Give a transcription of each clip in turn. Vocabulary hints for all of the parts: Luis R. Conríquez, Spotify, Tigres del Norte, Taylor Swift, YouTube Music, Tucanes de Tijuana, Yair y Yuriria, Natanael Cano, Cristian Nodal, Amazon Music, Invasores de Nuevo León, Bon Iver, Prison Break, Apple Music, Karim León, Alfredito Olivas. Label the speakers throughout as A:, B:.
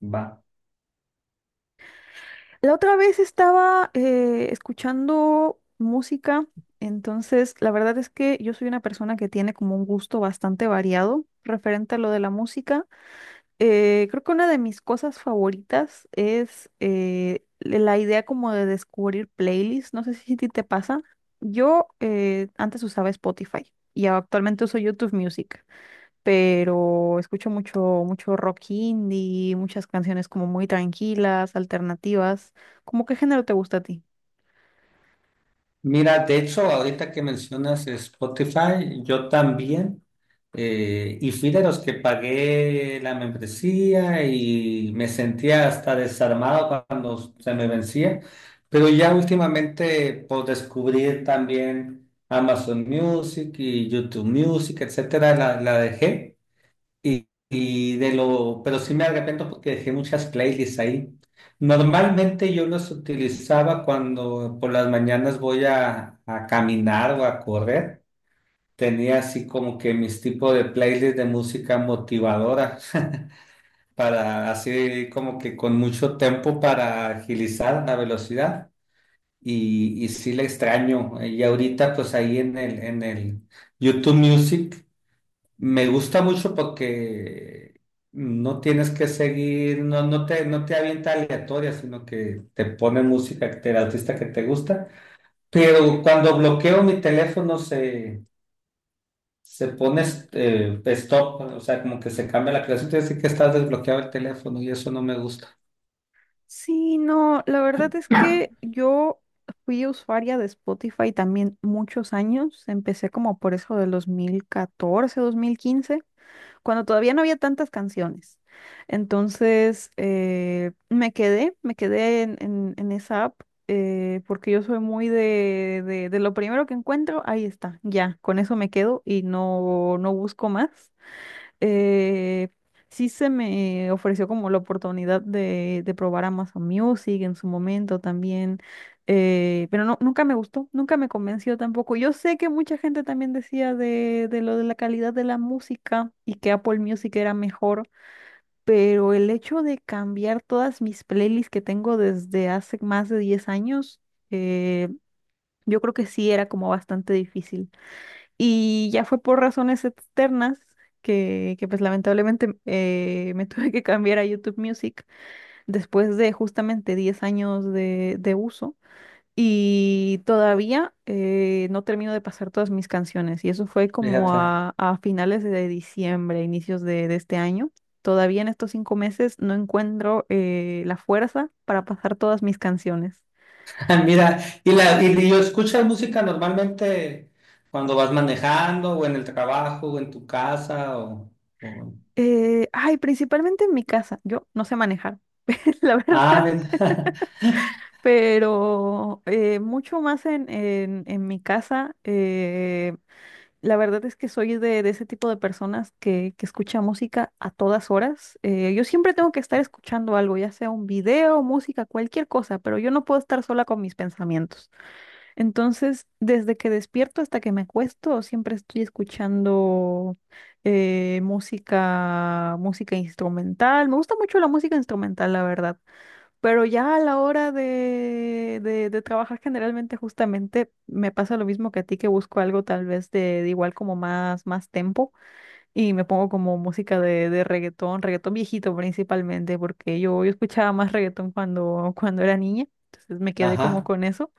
A: Va.
B: La otra vez estaba escuchando música, entonces la verdad es que yo soy una persona que tiene como un gusto bastante variado referente a lo de la música. Creo que una de mis cosas favoritas es la idea como de descubrir playlists, no sé si a ti te pasa. Yo antes usaba Spotify y actualmente uso YouTube Music, pero escucho mucho, mucho rock indie, muchas canciones como muy tranquilas, alternativas. ¿Cómo qué género te gusta a ti?
A: Mira, de hecho, ahorita que mencionas Spotify, yo también, y fui de los que pagué la membresía y me sentía hasta desarmado cuando se me vencía, pero ya últimamente por descubrir también Amazon Music y YouTube Music, etcétera, la dejé. Pero sí me arrepiento porque dejé muchas playlists ahí. Normalmente yo las utilizaba cuando por las mañanas voy a caminar o a correr. Tenía así como que mis tipos de playlists de música motivadora para así como que con mucho tiempo para agilizar la velocidad. Y sí la extraño. Y ahorita pues ahí en el YouTube Music me gusta mucho porque no tienes que seguir, no, no te avienta aleatoria, sino que te pone música que te- el artista que te gusta. Pero cuando bloqueo mi teléfono se pone stop, o sea, como que se cambia la creación, te dice que estás desbloqueado el teléfono y eso no me gusta.
B: Sí, no, la verdad es que yo fui usuaria de Spotify también muchos años. Empecé como por eso del 2014, 2015, cuando todavía no había tantas canciones. Entonces, me quedé en, en esa app, porque yo soy muy de lo primero que encuentro, ahí está, ya, con eso me quedo y no, no busco más. eh, sí se me ofreció como la oportunidad de probar Amazon Music en su momento también. Pero no, nunca me gustó, nunca me convenció tampoco. Yo sé que mucha gente también decía de lo de la calidad de la música y que Apple Music era mejor, pero el hecho de cambiar todas mis playlists que tengo desde hace más de 10 años, eh, yo creo que sí era como bastante difícil. Y ya fue por razones externas que pues lamentablemente me tuve que cambiar a YouTube Music, después de justamente 10 años de uso. Y todavía no termino de pasar todas mis canciones. Y eso fue como
A: Fíjate.
B: a finales de diciembre, inicios de este año. Todavía en estos 5 meses no encuentro la fuerza para pasar todas mis canciones.
A: Ah, mira, y, la, y yo escucho música normalmente cuando vas manejando o en el trabajo o en tu casa o-
B: Ay, principalmente en mi casa. Yo no sé manejar, la
A: Ah,
B: verdad.
A: mira.
B: Pero mucho más en, en mi casa. La verdad es que soy de ese tipo de personas que escucha música a todas horas. Yo siempre tengo que estar escuchando algo, ya sea un video, música, cualquier cosa, pero yo no puedo estar sola con mis pensamientos. Entonces, desde que despierto hasta que me acuesto, siempre estoy escuchando música, música instrumental. Me gusta mucho la música instrumental, la verdad. Pero ya a la hora de trabajar, generalmente justamente me pasa lo mismo que a ti, que busco algo tal vez de igual como más, más tempo, y me pongo como música de reggaetón, reggaetón viejito, principalmente porque yo escuchaba más reggaetón cuando, cuando era niña, entonces me quedé como
A: Ajá.
B: con eso.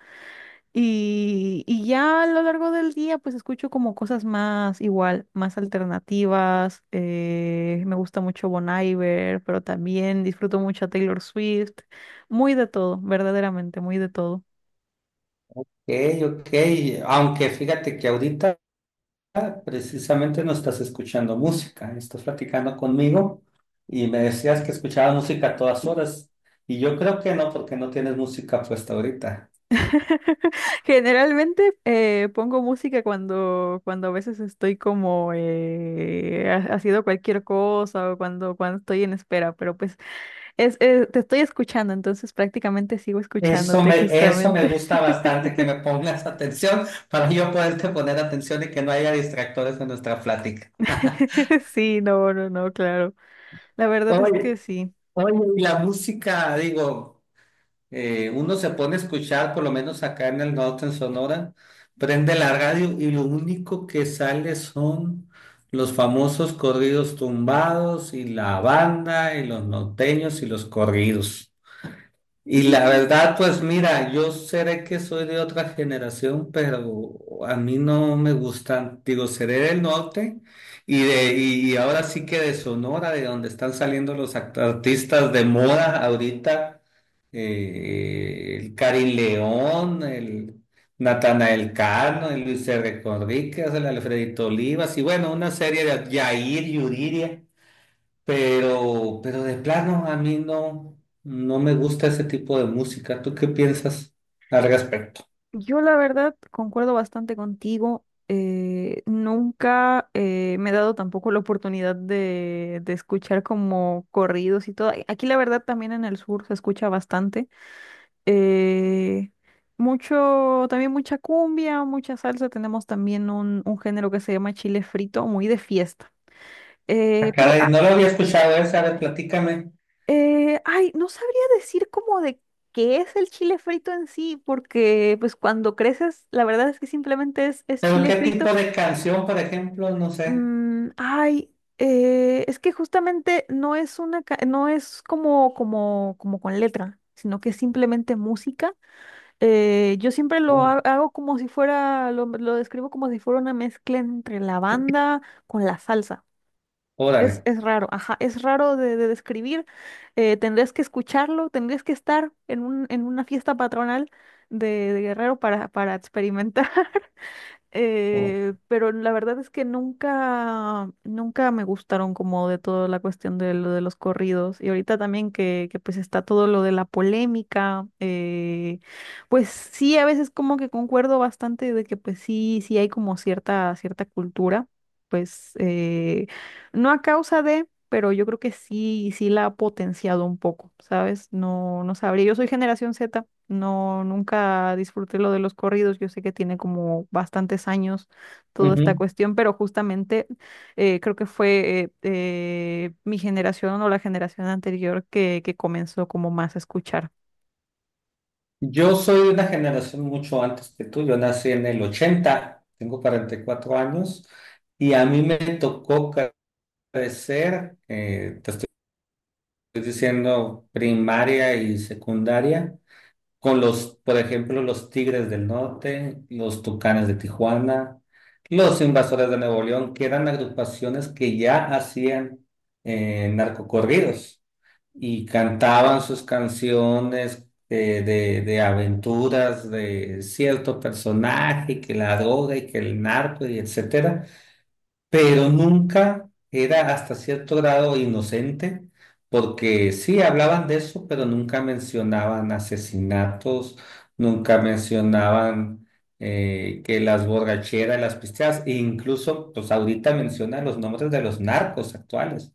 B: Y ya a lo largo del día, pues escucho como cosas más igual, más alternativas. Me gusta mucho Bon Iver, pero también disfruto mucho a Taylor Swift. Muy de todo, verdaderamente, muy de todo.
A: Ok. Ok. Aunque fíjate que ahorita precisamente no estás escuchando música, estás platicando conmigo y me decías que escuchabas música a todas horas y yo creo que no porque no tienes música puesta ahorita.
B: Generalmente pongo música cuando, cuando a veces estoy como haciendo cualquier cosa o cuando, cuando estoy en espera, pero pues te estoy escuchando, entonces prácticamente sigo
A: Eso
B: escuchándote
A: me, Eso me
B: justamente.
A: gusta bastante, que me pongas atención para yo poderte poner atención y que no haya distractores en nuestra plática.
B: Sí, no, no, no, claro. La verdad es
A: Oye,
B: que sí.
A: Oye, y la música, digo. Uno se pone a escuchar, por lo menos acá en el norte, en Sonora, prende la radio y lo único que sale son los famosos corridos tumbados y la banda y los norteños y los corridos. Y la
B: Mm,
A: verdad, pues mira, yo seré que soy de otra generación, pero a mí no me gustan. Digo, seré del norte y ahora sí que de Sonora, de donde están saliendo los act- artistas de moda ahorita, el Karim León, el Natanael Cano, el Luis R. Conríquez, el Alfredito Olivas y bueno, una serie de Yair y Yuriria. Pero de plano, a mí no, no me gusta ese tipo de música. ¿Tú qué piensas al respecto?
B: Yo la verdad concuerdo bastante contigo. Eh, nunca me he dado tampoco la oportunidad de escuchar como corridos y todo. A- Aquí la verdad también en el sur se escucha bastante. Eh, Mucho, también mucha cumbia, mucha salsa. Tenemos también un género que se llama chile frito, muy de fiesta.
A: Ah,
B: Eh, pero
A: caray, no lo había escuchado esa, a ver, platícame.
B: Eh, ay, no sabría decir como de qué es el chile frito en sí, porque pues cuando creces, la verdad es que simplemente es
A: Pero
B: chile
A: qué
B: frito.
A: tipo de canción, por ejemplo, no sé.
B: Es que justamente no es una, no es como, como, como con letra, sino que es simplemente música. Yo siempre lo
A: Oh,
B: hago como si fuera, lo describo como si fuera una mezcla entre la banda con la salsa.
A: órale.
B: Es raro, ajá, es raro de describir. Tendrías que escucharlo, tendrías que estar en un, en una fiesta patronal de Guerrero para experimentar.
A: Oh,
B: Pero la verdad es que nunca, nunca me gustaron como de toda la cuestión de lo de los corridos. Y ahorita también que pues está todo lo de la polémica, pues sí, a veces como que concuerdo bastante de que pues sí, sí hay como cierta, cierta cultura, pues no a causa de pero yo creo que sí, sí la ha potenciado un poco, ¿sabes? No, no sabría. Yo soy generación Z, no, nunca disfruté lo de los corridos. Yo sé que tiene como bastantes años toda esta
A: ujú.
B: cuestión, pero justamente creo que fue mi generación o la generación anterior que comenzó como más a escuchar.
A: Yo soy de una generación mucho antes que tú. Yo nací en el 80. Tengo 44 años y a mí me tocó crecer, te estoy diciendo, primaria y secundaria con los, por ejemplo, los Tigres del Norte, los Tucanes de Tijuana, los Invasores de Nuevo León, que eran agrupaciones que ya hacían narcocorridos y cantaban sus canciones de aventuras de cierto personaje, que la droga y que el narco y etcétera, pero nunca era hasta cierto grado inocente, porque sí hablaban de eso, pero nunca mencionaban asesinatos, nunca mencionaban que las borracheras, las pisteadas, e incluso, pues ahorita mencionan los nombres de los narcos actuales.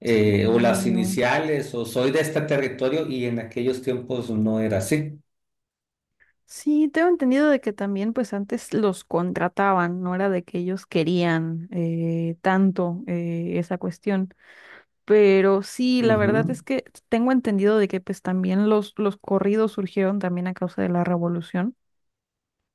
A: Eh, o
B: Y
A: las
B: no.
A: iniciales, o soy de este territorio, y en aquellos tiempos no era así.
B: Sí, tengo entendido de que también pues antes los contrataban, no era de que ellos querían tanto esa cuestión. Pero sí, la verdad es
A: Ujú.
B: que tengo entendido de que pues también los corridos surgieron también a causa de la revolución,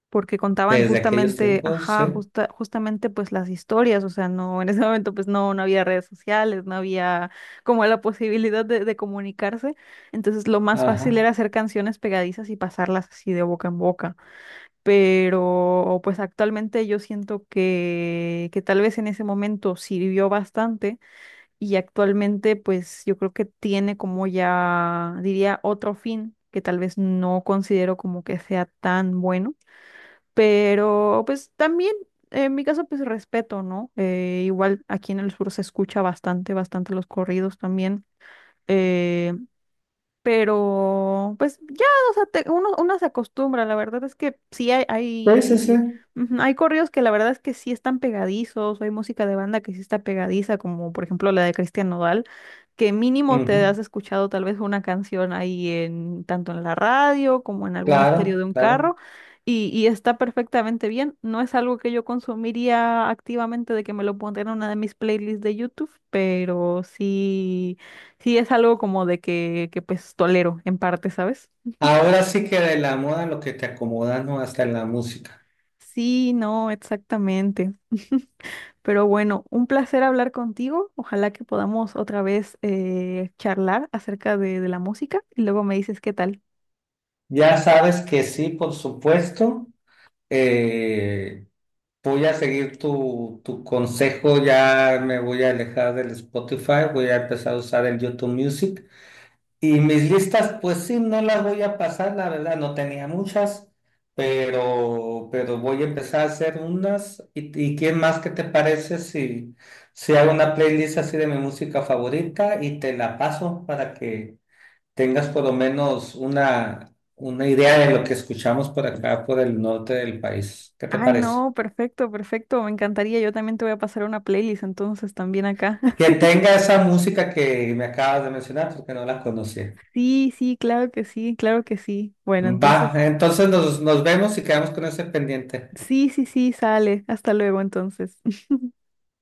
B: porque contaban
A: Desde aquellos
B: justamente,
A: tiempos, sí.
B: ajá, justamente pues las historias, o sea, no, en ese momento pues no, no había redes sociales, no había como la posibilidad de comunicarse, entonces lo más fácil
A: Ajá.
B: era hacer canciones pegadizas y pasarlas así de boca en boca. Pero pues actualmente yo siento que tal vez en ese momento sirvió bastante, y actualmente pues yo creo que tiene como ya, diría, otro fin que tal vez no considero como que sea tan bueno, pero pues también en mi caso pues respeto, ¿no? Igual aquí en el sur se escucha bastante, bastante los corridos también. eh, pero pues ya, o sea, te- uno, uno se acostumbra, la verdad es que sí hay,
A: Sí, sí,
B: hay,
A: sí.
B: ujú, hay corridos que la verdad es que sí están pegadizos, o hay música de banda que sí está pegadiza, como por ejemplo la de Cristian Nodal, que mínimo te
A: Ujú.
B: has escuchado tal vez una canción ahí en, tanto en la radio como en algún estéreo de
A: Claro,
B: un
A: claro.
B: carro, y está perfectamente bien. No es algo que yo consumiría activamente de que me lo pondría en una de mis playlists de YouTube, pero sí. Sí, es algo como de que pues tolero en parte, ¿sabes?
A: Ahora sí que de la moda lo que te acomoda, ¿no? Hasta en la música.
B: Sí, no, exactamente. Pero bueno, un placer hablar contigo. Ojalá que podamos otra vez charlar acerca de la música y luego me dices qué tal.
A: Ya sabes que sí, por supuesto. Eh, voy a seguir tu consejo, ya me voy a alejar del Spotify, voy a empezar a usar el YouTube Music. Y mis listas, pues sí, no las voy a pasar, la verdad, no tenía muchas, pero voy a empezar a hacer unas. Y qué más que te parece si, si hago una playlist así de mi música favorita y te la paso para que tengas por lo menos una idea de lo que escuchamos por acá, por el norte del país? ¿Qué te
B: Ay,
A: parece?
B: no, perfecto, perfecto. Me encantaría. Yo también te voy a pasar una playlist entonces también acá.
A: Que tenga esa música que me acabas de mencionar porque no la conocía.
B: Sí, sí, claro que sí, claro que sí. Bueno,
A: Va,
B: entonces,
A: entonces nos vemos y quedamos con ese pendiente.
B: sí, sí, sí, sale. Hasta luego entonces.